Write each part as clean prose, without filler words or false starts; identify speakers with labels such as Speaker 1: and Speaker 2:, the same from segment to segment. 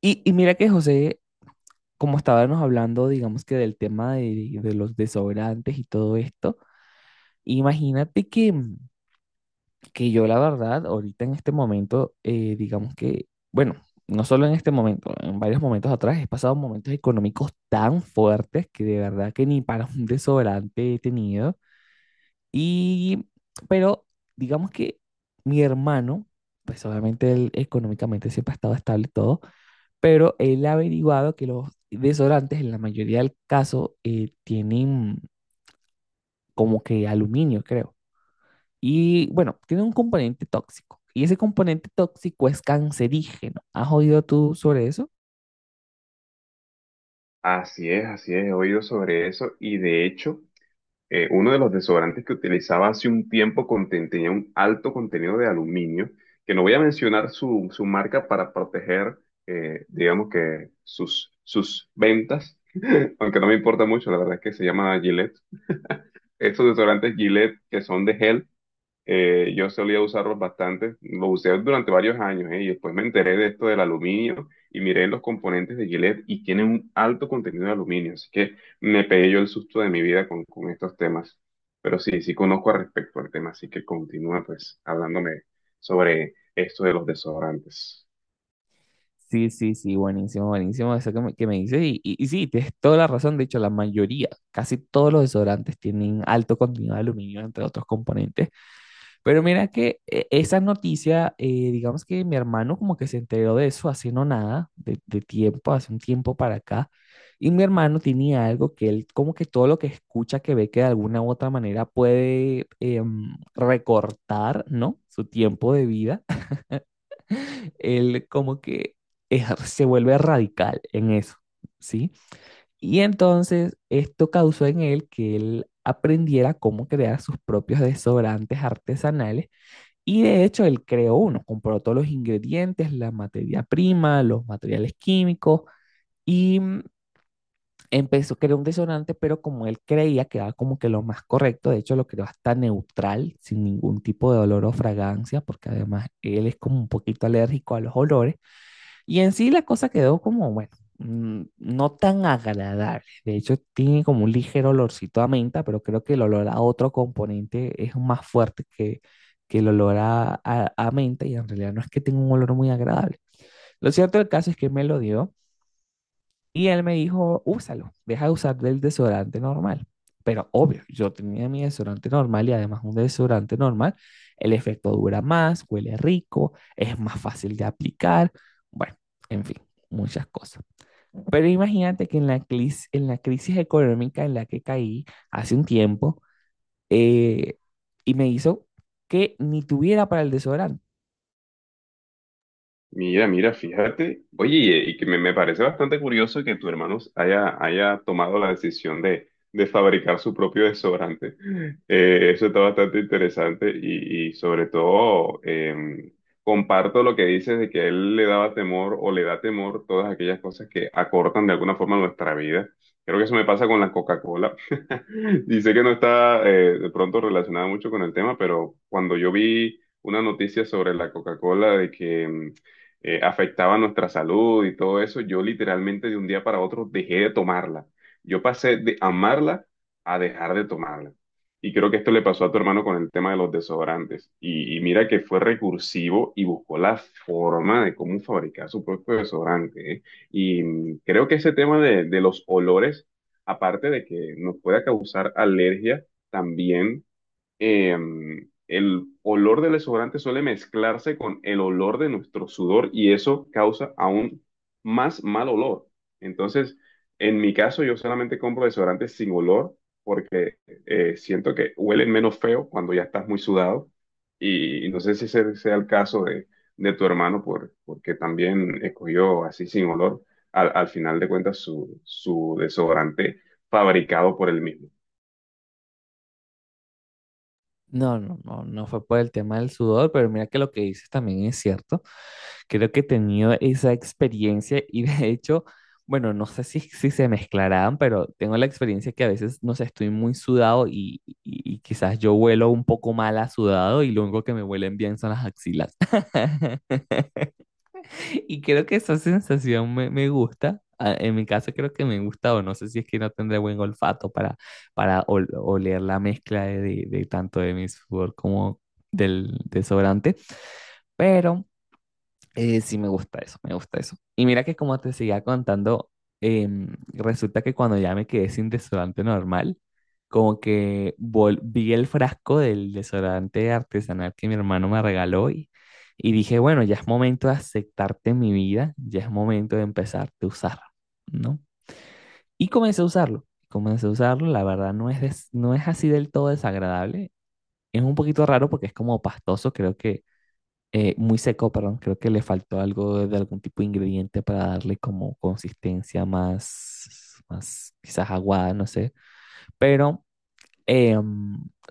Speaker 1: Y mira que José, como estábamos hablando, digamos que del tema de los desobrantes y todo esto, imagínate que yo la verdad, ahorita en este momento, digamos que, bueno, no solo en este momento, en varios momentos atrás he pasado momentos económicos tan fuertes que de verdad que ni para un desobrante he tenido. Y, pero digamos que mi hermano, pues obviamente él económicamente siempre ha estado estable y todo. Pero él ha averiguado que los desodorantes en la mayoría del caso tienen como que aluminio, creo. Y bueno, tiene un componente tóxico. Y ese componente tóxico es cancerígeno. ¿Has oído tú sobre eso?
Speaker 2: Así es, he oído sobre eso y de hecho uno de los desodorantes que utilizaba hace un tiempo tenía un alto contenido de aluminio, que no voy a mencionar su marca para proteger, digamos que sus ventas, aunque no me importa mucho, la verdad es que se llama Gillette. Estos desodorantes Gillette que son de gel yo solía usarlos bastante, los usé durante varios años, y después me enteré de esto del aluminio y miré los componentes de Gillette y tienen un alto contenido de aluminio, así que me pegué yo el susto de mi vida con estos temas. Pero sí, sí conozco al respecto al tema, así que continúa pues hablándome sobre esto de los desodorantes.
Speaker 1: Sí, sí, sí, buenísimo, buenísimo eso que me dices. Y, y sí, tienes toda la razón. De hecho, la mayoría, casi todos los desodorantes tienen alto contenido de aluminio, entre otros componentes. Pero mira que esa noticia, digamos que mi hermano como que se enteró de eso hace no nada, de tiempo, hace un tiempo para acá. Y mi hermano tenía algo que él como que todo lo que escucha, que ve que de alguna u otra manera puede recortar, ¿no? Su tiempo de vida, él como que se vuelve radical en eso, ¿sí? Y entonces esto causó en él que él aprendiera cómo crear sus propios desodorantes artesanales y de hecho, él creó uno, compró todos los ingredientes, la materia prima, los materiales químicos y empezó a crear un desodorante, pero como él creía que era como que lo más correcto, de hecho lo creó hasta neutral, sin ningún tipo de olor o fragancia, porque además él es como un poquito alérgico a los olores, y en sí la cosa quedó como, bueno, no tan agradable. De hecho, tiene como un ligero olorcito a menta, pero creo que el olor a otro componente es más fuerte que el olor a, a menta y en realidad no es que tenga un olor muy agradable. Lo cierto del caso es que me lo dio. Y él me dijo, úsalo, deja de usar el desodorante normal. Pero obvio, yo tenía mi desodorante normal y además un desodorante normal, el efecto dura más, huele rico, es más fácil de aplicar, bueno, en fin, muchas cosas. Pero imagínate que en la, en la crisis económica en la que caí hace un tiempo, eh, y me hizo que ni tuviera para el desodorante.
Speaker 2: Mira, mira, fíjate. Oye, y que me parece bastante curioso que tu hermano haya tomado la decisión de fabricar su propio desodorante. Eso está bastante interesante y sobre todo comparto lo que dices de que a él le daba temor o le da temor todas aquellas cosas que acortan de alguna forma nuestra vida. Creo que eso me pasa con la Coca-Cola. Y sé que no está de pronto relacionada mucho con el tema, pero cuando yo vi una noticia sobre la Coca-Cola de que afectaba nuestra salud y todo eso, yo literalmente de un día para otro dejé de tomarla. Yo pasé de amarla a dejar de tomarla. Y creo que esto le pasó a tu hermano con el tema de los desodorantes. Y mira que fue recursivo y buscó la forma de cómo fabricar su propio desodorante, ¿eh? Y mm, creo que ese tema de los olores, aparte de que nos pueda causar alergia, también eh, el olor del desodorante suele mezclarse con el olor de nuestro sudor y eso causa aún más mal olor. Entonces, en mi caso, yo solamente compro desodorantes sin olor porque siento que huelen menos feo cuando ya estás muy sudado y no sé si ese sea el caso de tu hermano porque también escogió así sin olor al final de cuentas su desodorante fabricado por él mismo.
Speaker 1: No, no, no, no fue por el tema del sudor, pero mira que lo que dices también es cierto. Creo que he tenido esa experiencia y de hecho, bueno, no sé si, si se mezclarán, pero tengo la experiencia que a veces, no sé, estoy muy sudado y, y quizás yo huelo un poco mal a sudado y lo único que me huelen bien son las axilas. Y creo que esa sensación me, me gusta. Ah, en mi caso creo que me gusta o no sé si es que no tendré buen olfato para oler la mezcla de, de tanto de mi sudor como del desodorante. Pero sí, me gusta eso, me gusta eso. Y mira que como te seguía contando, resulta que cuando ya me quedé sin desodorante normal, como que vi el frasco del desodorante artesanal que mi hermano me regaló y dije, bueno, ya es momento de aceptarte en mi vida, ya es momento de empezarte a usar, ¿no? Y comencé a usarlo, la verdad no es, no es así del todo desagradable, es un poquito raro porque es como pastoso, creo que muy seco, perdón, creo que le faltó algo de algún tipo de ingrediente para darle como consistencia más, más quizás aguada, no sé. Pero eh,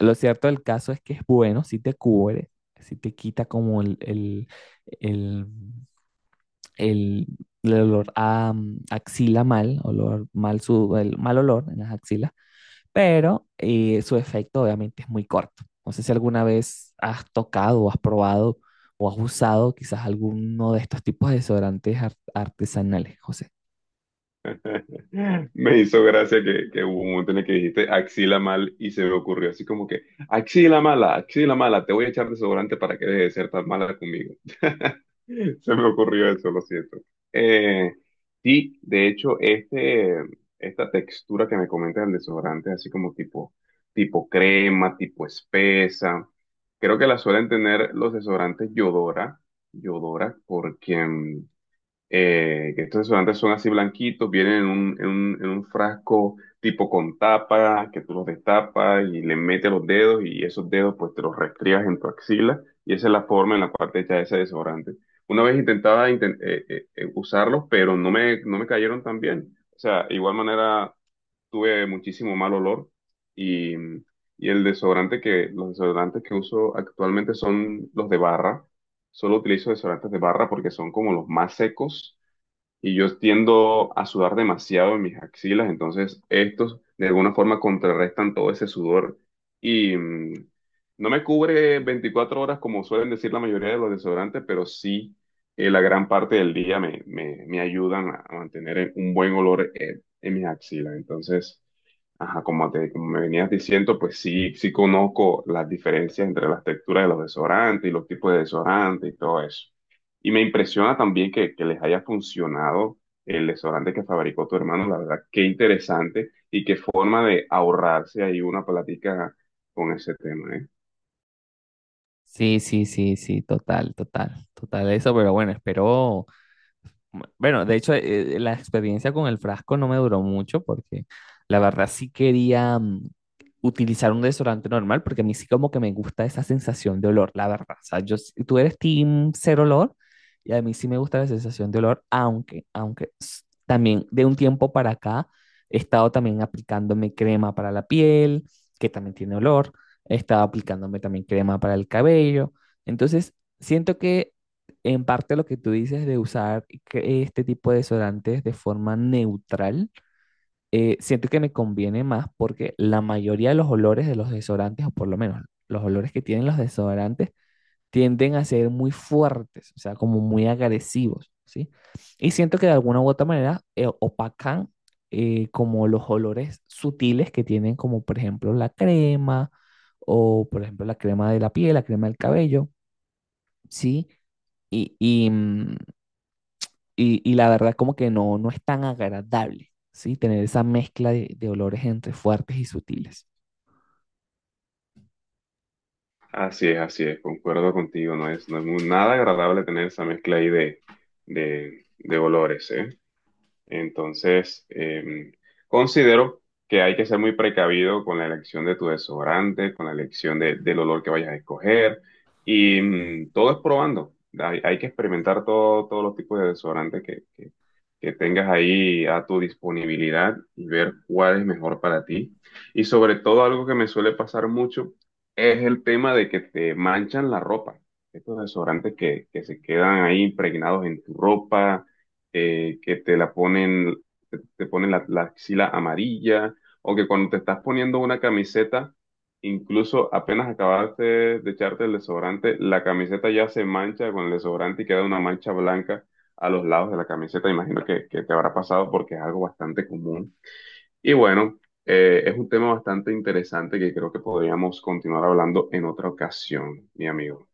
Speaker 1: lo cierto del caso es que es bueno, si te cubre, si te quita como el, el- el olor a axila mal, olor mal, su, el mal olor en las axilas pero su efecto obviamente es muy corto. ¿No sé si alguna vez has tocado o has probado o has usado quizás alguno de estos tipos de desodorantes artesanales, José?
Speaker 2: Me hizo gracia que hubo un momento en el que dijiste axila mal y se me ocurrió así como que axila mala, te voy a echar desodorante para que deje de ser tan mala conmigo. Se me ocurrió eso, lo siento. Eh, sí, de hecho, esta textura que me comentas del desodorante, así como tipo crema, tipo espesa, creo que la suelen tener los desodorantes Yodora, Yodora, porque mm, que estos desodorantes son así blanquitos, vienen en un, en un frasco tipo con tapa, que tú los destapas y le metes los dedos y esos dedos pues te los restriegas en tu axila y esa es la forma en la cual te echas ese desodorante. Una vez intentaba usarlos, pero no no me cayeron tan bien. O sea, igual manera tuve muchísimo mal olor y, y el desodorante que, los desodorantes que uso actualmente son los de barra. Solo utilizo desodorantes de barra porque son como los más secos y yo tiendo a sudar demasiado en mis axilas, entonces estos de alguna forma contrarrestan todo ese sudor y mm, no me cubre 24 horas como suelen decir la mayoría de los desodorantes, pero sí la gran parte del día me ayudan a mantener un buen olor en mis axilas. Entonces, ajá, como como me venías diciendo, pues sí, sí conozco las diferencias entre las texturas de los desodorantes y los tipos de desodorantes y todo eso. Y me impresiona también que les haya funcionado el desodorante que fabricó tu hermano, la verdad, qué interesante y qué forma de ahorrarse ahí una plática con ese tema, ¿eh?
Speaker 1: Sí, sí, sí, sí, total, total, total eso, pero bueno, espero, bueno, de hecho la experiencia con el frasco no me duró mucho porque la verdad sí quería utilizar un desodorante normal, porque a mí sí como que me gusta esa sensación de olor, la verdad. O sea, yo, tú eres team cero olor y a mí sí me gusta la sensación de olor, aunque, aunque también de un tiempo para acá he estado también aplicándome crema para la piel, que también tiene olor, he estado aplicándome también crema para el cabello. Entonces, siento que en parte lo que tú dices de usar que este tipo de desodorantes de forma neutral siento que me conviene más porque la mayoría de los olores de los desodorantes, o por lo menos los olores que tienen los desodorantes, tienden a ser muy fuertes, o sea, como muy agresivos, ¿sí? Y siento que de alguna u otra manera opacan como los olores sutiles que tienen, como por ejemplo la crema, o por ejemplo la crema de la piel, la crema del cabello, ¿sí? Y, y la verdad como que no, no es tan agradable, ¿sí? Tener esa mezcla de olores entre fuertes y sutiles.
Speaker 2: Así es, concuerdo contigo, no es, nada agradable tener esa mezcla ahí de, de olores, ¿eh? Entonces, em, considero que hay que ser muy precavido con la elección de tu desodorante, con la del olor que vayas a escoger. Y mm, todo es probando. Hay que experimentar todos los tipos de desodorante que tengas ahí a tu disponibilidad y ver cuál es mejor para ti. Y sobre todo algo que me suele pasar mucho es el tema de que te manchan la ropa. Estos desodorantes que se quedan ahí impregnados en tu ropa que te la ponen, te ponen la axila amarilla, o que cuando te estás poniendo una camiseta, incluso apenas acabaste de echarte el desodorante, la camiseta ya se mancha con el desodorante y queda una mancha blanca a los lados de la camiseta. Imagino que te habrá pasado porque es algo bastante común. Y bueno, es un tema bastante interesante que creo que podríamos continuar hablando en otra ocasión, mi amigo.